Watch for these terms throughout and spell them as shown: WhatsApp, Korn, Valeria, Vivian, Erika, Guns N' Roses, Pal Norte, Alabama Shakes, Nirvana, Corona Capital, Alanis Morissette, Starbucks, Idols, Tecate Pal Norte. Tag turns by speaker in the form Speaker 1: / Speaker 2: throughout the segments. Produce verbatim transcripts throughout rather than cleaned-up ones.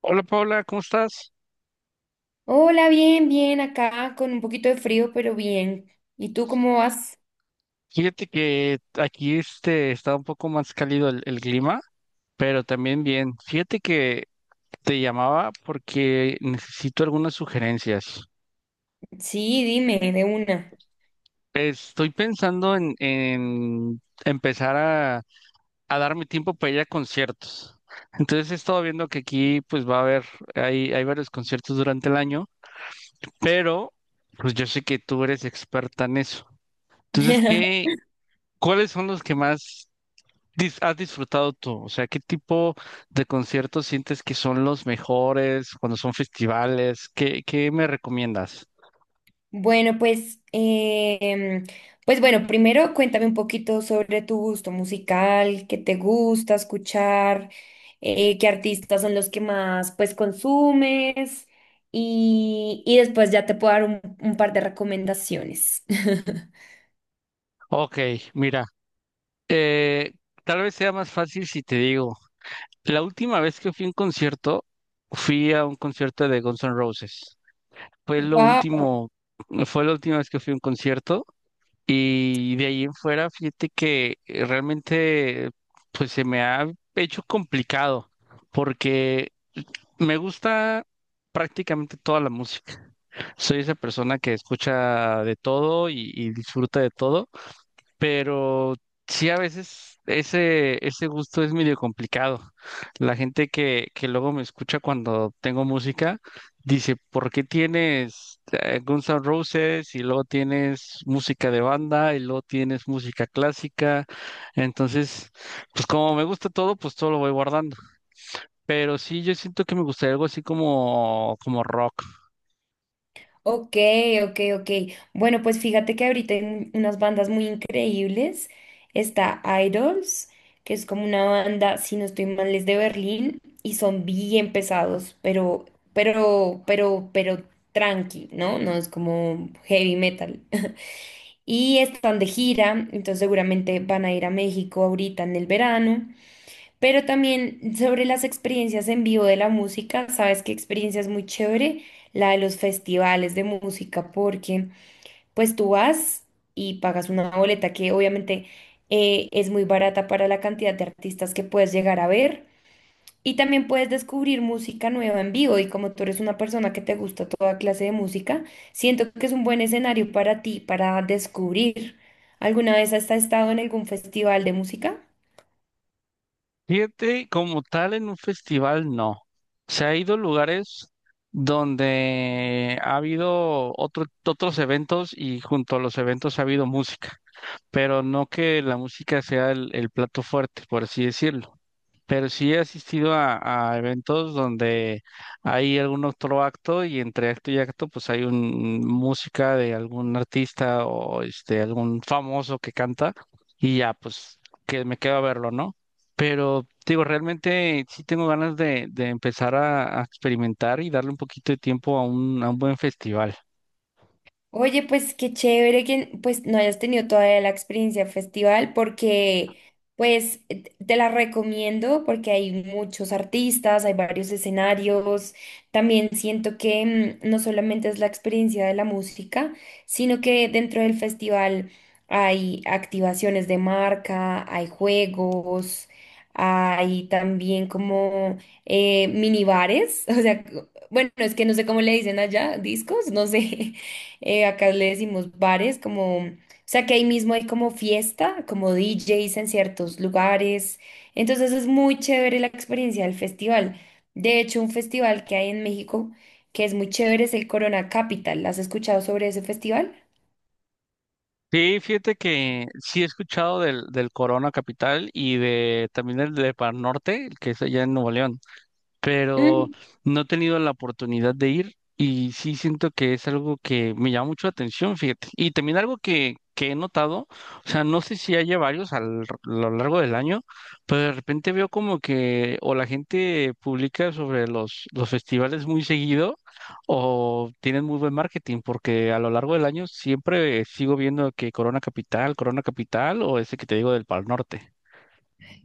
Speaker 1: Hola Paula, ¿cómo estás?
Speaker 2: Hola, bien, bien, acá con un poquito de frío, pero bien. ¿Y tú cómo vas?
Speaker 1: Fíjate que aquí este está un poco más cálido el, el clima, pero también bien. Fíjate que te llamaba porque necesito algunas sugerencias.
Speaker 2: Sí, dime, de una.
Speaker 1: Estoy pensando en, en empezar a, a darme tiempo para ir a conciertos. Entonces he estado viendo que aquí pues va a haber, hay, hay varios conciertos durante el año, pero pues yo sé que tú eres experta en eso. Entonces, ¿qué, cuáles son los que más dis- has disfrutado tú? O sea, ¿qué tipo de conciertos sientes que son los mejores cuando son festivales? ¿Qué, qué me recomiendas?
Speaker 2: Bueno, pues, em, pues bueno, primero cuéntame un poquito sobre tu gusto musical, qué te gusta escuchar, eh, qué artistas son los que más pues consumes y, y después ya te puedo dar un, un par de recomendaciones.
Speaker 1: Ok, mira, eh, tal vez sea más fácil si te digo, la última vez que fui a un concierto, fui a un concierto de Guns N' Roses. Fue lo
Speaker 2: Wow.
Speaker 1: último, fue la última vez que fui a un concierto y de ahí en fuera, fíjate que eh, realmente pues se me ha hecho complicado porque me gusta prácticamente toda la música. Soy esa persona que escucha de todo y, y disfruta de todo, pero sí a veces ese, ese gusto es medio complicado. La gente que, que luego me escucha cuando tengo música dice, ¿por qué tienes eh, Guns N' Roses y luego tienes música de banda y luego tienes música clásica? Entonces, pues como me gusta todo, pues todo lo voy guardando. Pero sí, yo siento que me gustaría algo así como, como rock.
Speaker 2: Ok, ok, ok. Bueno, pues fíjate que ahorita hay un- unas bandas muy increíbles. Está Idols, que es como una banda, si no estoy mal, es de Berlín y son bien pesados, pero, pero, pero, pero tranqui, ¿no? No es como heavy metal. Y están de gira, entonces seguramente van a ir a México ahorita en el verano. Pero también sobre las experiencias en vivo de la música, sabes qué experiencia es muy chévere, la de los festivales de música, porque pues tú vas y pagas una boleta que obviamente eh, es muy barata para la cantidad de artistas que puedes llegar a ver. Y también puedes descubrir música nueva en vivo y como tú eres una persona que te gusta toda clase de música, siento que es un buen escenario para ti, para descubrir. ¿Alguna vez has estado en algún festival de música?
Speaker 1: Fíjate, como tal, en un festival no. Se ha ido a lugares donde ha habido otro- otros eventos y junto a los eventos ha habido música, pero no que la música sea el, el plato fuerte, por así decirlo. Pero sí he asistido a, a eventos donde hay algún otro acto y entre acto y acto pues hay un música de algún artista o este algún famoso que canta y ya pues que me quedo a verlo, ¿no? Pero digo, realmente sí tengo ganas de, de empezar a, a experimentar y darle un poquito de tiempo a un, a un buen festival.
Speaker 2: Oye, pues qué chévere que pues no hayas tenido todavía la experiencia festival porque pues eh, te la recomiendo porque hay muchos artistas, hay varios escenarios. También siento que mm, no solamente es la experiencia de la música, sino que dentro del festival hay activaciones de marca, hay juegos, hay también como eh, minibares, o sea, bueno, es que no sé cómo le dicen allá, discos, no sé eh, acá le decimos bares, como, o sea que ahí mismo hay como fiesta, como D Js en ciertos lugares. Entonces es muy chévere la experiencia del festival. De hecho, un festival que hay en México que es muy chévere es el Corona Capital. ¿Has escuchado sobre ese festival?
Speaker 1: Sí, fíjate que sí he escuchado del, del Corona Capital y de también el de Pan Norte, el que es allá en Nuevo León. Pero
Speaker 2: Mm.
Speaker 1: no he tenido la oportunidad de ir y sí siento que es algo que me llama mucho la atención, fíjate. Y también algo que, que he notado, o sea, no sé si haya varios al- a lo largo del año, pero de repente veo como que o la gente publica sobre los, los festivales muy seguido o tienen muy buen marketing, porque a lo largo del año siempre sigo viendo que Corona Capital, Corona Capital o ese que te digo del Pal Norte.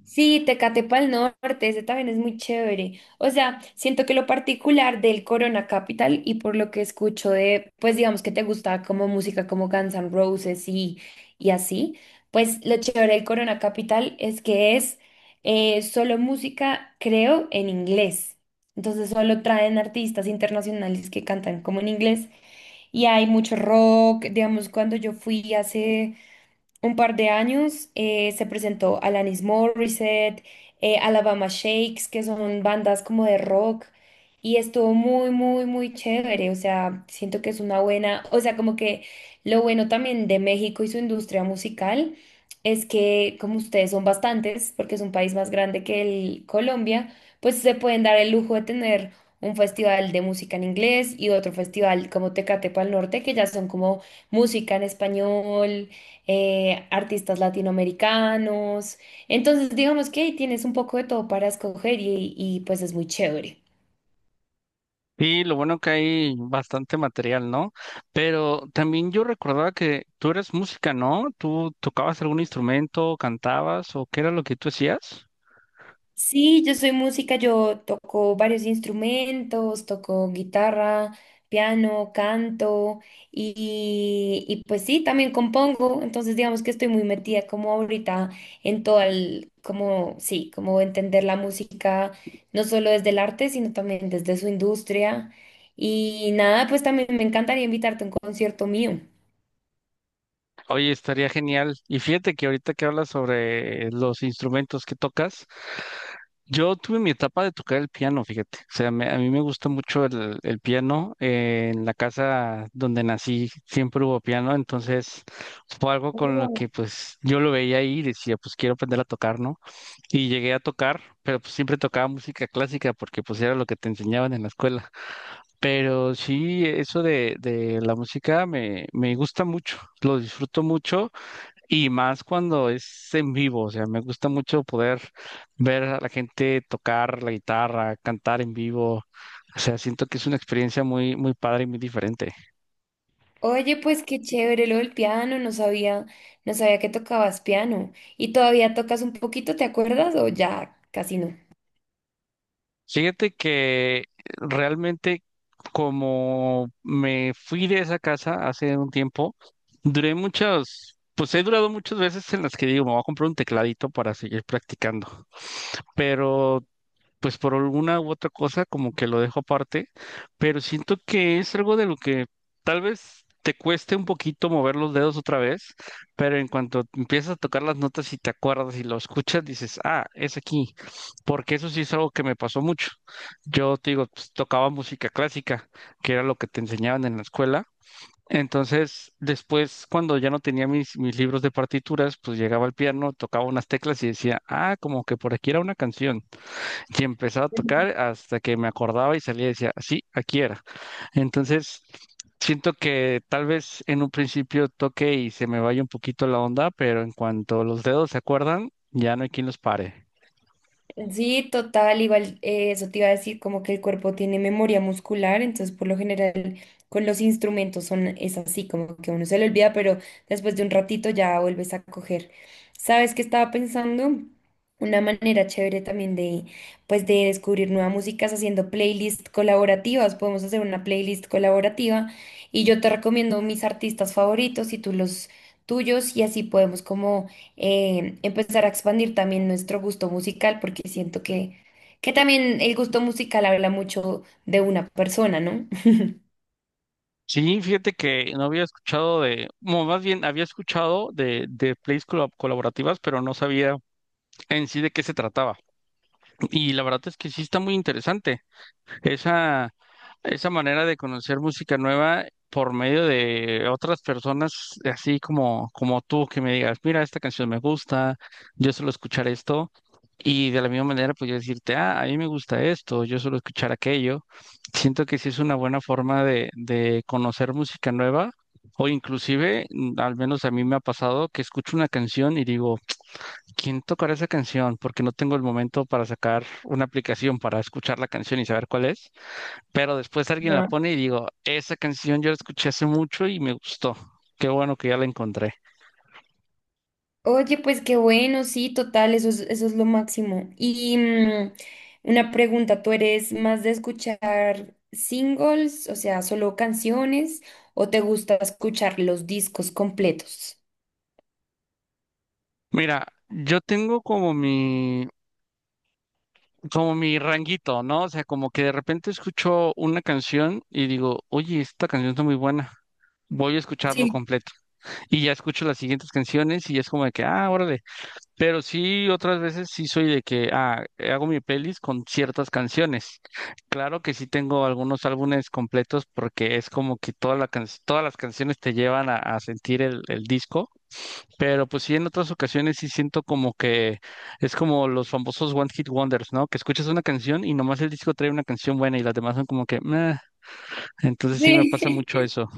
Speaker 2: Sí, Tecate el Norte, ese también es muy chévere. O sea, siento que lo particular del Corona Capital y por lo que escucho de, pues digamos que te gusta como música como Guns N' Roses y, y así, pues lo chévere del Corona Capital es que es eh, solo música, creo, en inglés. Entonces solo traen artistas internacionales que cantan como en inglés y hay mucho rock, digamos, cuando yo fui hace un par de años eh, se presentó Alanis Morissette, eh, Alabama Shakes, que son bandas como de rock, y estuvo muy, muy, muy chévere. O sea, siento que es una buena, o sea, como que lo bueno también de México y su industria musical es que como ustedes son bastantes, porque es un país más grande que el Colombia, pues se pueden dar el lujo de tener un festival de música en inglés y otro festival como Tecate Pal Norte, que ya son como música en español eh, artistas latinoamericanos. Entonces, digamos que ahí tienes un poco de todo para escoger y, y, pues es muy chévere.
Speaker 1: Sí, lo bueno que hay bastante material, ¿no? Pero también yo recordaba que tú eres música, ¿no? ¿Tú tocabas algún instrumento, cantabas o qué era lo que tú hacías?
Speaker 2: Sí, yo soy música, yo toco varios instrumentos, toco guitarra, piano, canto y, y pues sí, también compongo, entonces digamos que estoy muy metida como ahorita en todo el, como sí, como entender la música, no solo desde el arte, sino también desde su industria y nada, pues también me encantaría invitarte a un concierto mío.
Speaker 1: Oye, estaría genial. Y fíjate que ahorita que hablas sobre los instrumentos que tocas, yo tuve mi etapa de tocar el piano, fíjate. O sea, me- a mí me gusta mucho el, el piano. Eh, en la casa donde nací siempre hubo piano, entonces fue algo con lo que pues yo lo veía ahí y decía, pues quiero aprender a tocar, ¿no? Y llegué a tocar, pero pues siempre tocaba música clásica porque pues era lo que te enseñaban en la escuela. Pero sí, eso de, de la música me, me gusta mucho, lo disfruto mucho y más cuando es en vivo, o sea, me gusta mucho poder ver a la gente tocar la guitarra, cantar en vivo. O sea, siento que es una experiencia muy, muy padre y muy diferente.
Speaker 2: Oye, pues qué chévere lo del piano, no sabía, no sabía que tocabas piano. ¿Y todavía tocas un poquito, te acuerdas? O ya casi no.
Speaker 1: Fíjate que realmente como me fui de esa casa hace un tiempo, duré muchas, pues he durado muchas veces en las que digo, me voy a comprar un tecladito para seguir practicando. Pero pues por alguna u otra cosa como que lo dejo aparte, pero siento que es algo de lo que tal vez te cueste un poquito mover los dedos otra vez, pero en cuanto empiezas a tocar las notas y te acuerdas y lo escuchas, dices, ah, es aquí, porque eso sí es algo que me pasó mucho. Yo te digo, pues, tocaba música clásica, que era lo que te enseñaban en la escuela. Entonces, después, cuando ya no tenía mis, mis libros de partituras, pues llegaba al piano, tocaba unas teclas y decía, ah, como que por aquí era una canción y empezaba a tocar hasta que me acordaba y salía y decía, sí, aquí era. Entonces, siento que tal vez en un principio toque y se me vaya un poquito la onda, pero en cuanto los dedos se acuerdan, ya no hay quien los pare.
Speaker 2: Sí, total, igual eh, eso te iba a decir, como que el cuerpo tiene memoria muscular, entonces por lo general con los instrumentos son, es así, como que uno se le olvida, pero después de un ratito ya vuelves a coger. ¿Sabes qué estaba pensando? Una manera chévere también de, pues, de descubrir nueva música es haciendo playlists colaborativas. Podemos hacer una playlist colaborativa y yo te recomiendo mis artistas favoritos y tú los tuyos y así podemos como eh, empezar a expandir también nuestro gusto musical, porque siento que, que también el gusto musical habla mucho de una persona, ¿no?
Speaker 1: Sí, fíjate que no había escuchado de, bueno, más bien había escuchado de, de plays colab- colaborativas, pero no sabía en sí de qué se trataba. Y la verdad es que sí está muy interesante. Esa, Esa manera de conocer música nueva por medio de otras personas, así como, como tú, que me digas, mira, esta canción me gusta, yo suelo escuchar esto, y de la misma manera, pues yo decirte, ah, a mí me gusta esto, yo suelo escuchar aquello. Siento que sí es una buena forma de, de conocer música nueva, o inclusive, mm, al menos a mí me ha pasado, que escucho una canción y digo, ¿quién tocará esa canción? Porque no tengo el momento para sacar una aplicación para escuchar la canción y saber cuál es, pero después alguien la
Speaker 2: Ajá.
Speaker 1: pone y digo, esa canción yo la escuché hace mucho y me gustó. Qué bueno que ya la encontré.
Speaker 2: Oye, pues qué bueno, sí, total, eso es, eso es lo máximo. Y mm, una pregunta, ¿tú eres más de escuchar singles, o sea, solo canciones, o te gusta escuchar los discos completos?
Speaker 1: Mira, yo tengo como mi, como mi ranguito, ¿no? O sea, como que de repente escucho una canción y digo, oye, esta canción está muy buena. Voy a escucharlo
Speaker 2: Sí,
Speaker 1: completo. Y ya escucho las siguientes canciones y es como de que, ah, órale. Pero sí, otras veces sí soy de que ah, hago mi playlist con ciertas canciones. Claro que sí tengo algunos álbumes completos porque es como que toda la can- todas las canciones te llevan a, a sentir el, el disco, pero pues sí en otras ocasiones sí siento como que es como los famosos One Hit Wonders, ¿no? Que escuchas una canción y nomás el disco trae una canción buena y las demás son como que meh. Entonces sí me pasa mucho eso.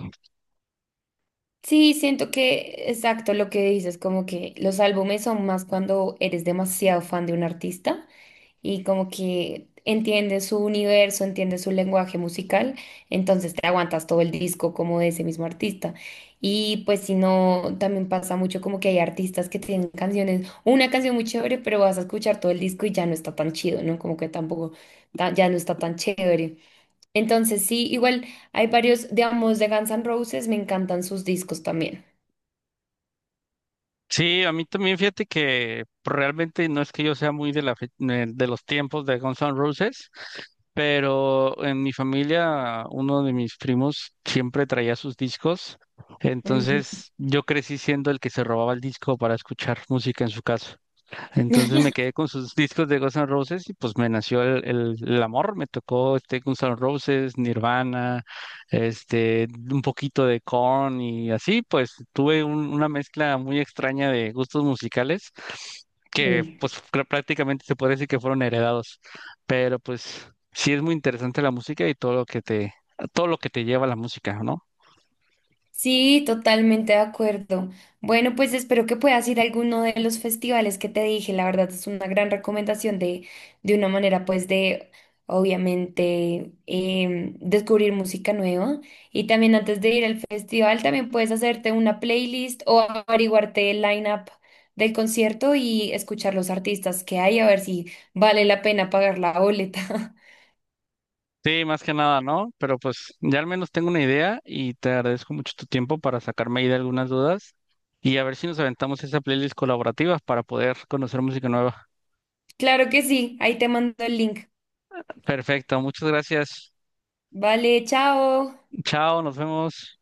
Speaker 2: Sí, siento que, exacto, lo que dices, como que los álbumes son más cuando eres demasiado fan de un artista y como que entiendes su universo, entiendes su lenguaje musical, entonces te aguantas todo el disco como de ese mismo artista. Y pues si no, también pasa mucho como que hay artistas que tienen canciones, una canción muy chévere, pero vas a escuchar todo el disco y ya no está tan chido, ¿no? Como que tampoco, ta- ya no está tan chévere. Entonces sí, igual hay varios, digamos, de Guns N' Roses, me encantan sus discos también.
Speaker 1: Sí, a mí también fíjate que pues, realmente no es que yo sea muy de la fe- de de los tiempos de Guns N' Roses, pero en mi familia uno de mis primos siempre traía sus discos,
Speaker 2: Ujú.
Speaker 1: entonces yo crecí siendo el que se robaba el disco para escuchar música en su casa. Entonces me quedé con sus discos de Guns N' Roses y pues me nació el, el- el amor, me tocó este Guns N' Roses, Nirvana, este, un poquito de Korn y así, pues tuve un- una mezcla muy extraña de gustos musicales que
Speaker 2: Sí,
Speaker 1: pues pr- prácticamente se puede decir que fueron heredados, pero pues sí es muy interesante la música y todo lo que te, todo lo que te lleva a la música, ¿no?
Speaker 2: Sí, totalmente de acuerdo. Bueno, pues espero que puedas ir a alguno de los festivales que te dije. La verdad es una gran recomendación de, de una manera, pues, de obviamente em, descubrir música nueva. Y también antes de ir al festival, también puedes hacerte una playlist o averiguarte el line-up del concierto y escuchar los artistas que hay, a ver si vale la pena pagar la boleta.
Speaker 1: Sí, más que nada, ¿no? Pero pues ya al menos tengo una idea y te agradezco mucho tu tiempo para sacarme ahí de algunas dudas y a ver si nos aventamos esa playlist colaborativa para poder conocer música nueva.
Speaker 2: Claro que sí, ahí te mando el link.
Speaker 1: Perfecto, muchas gracias.
Speaker 2: Vale, chao.
Speaker 1: Chao, nos vemos.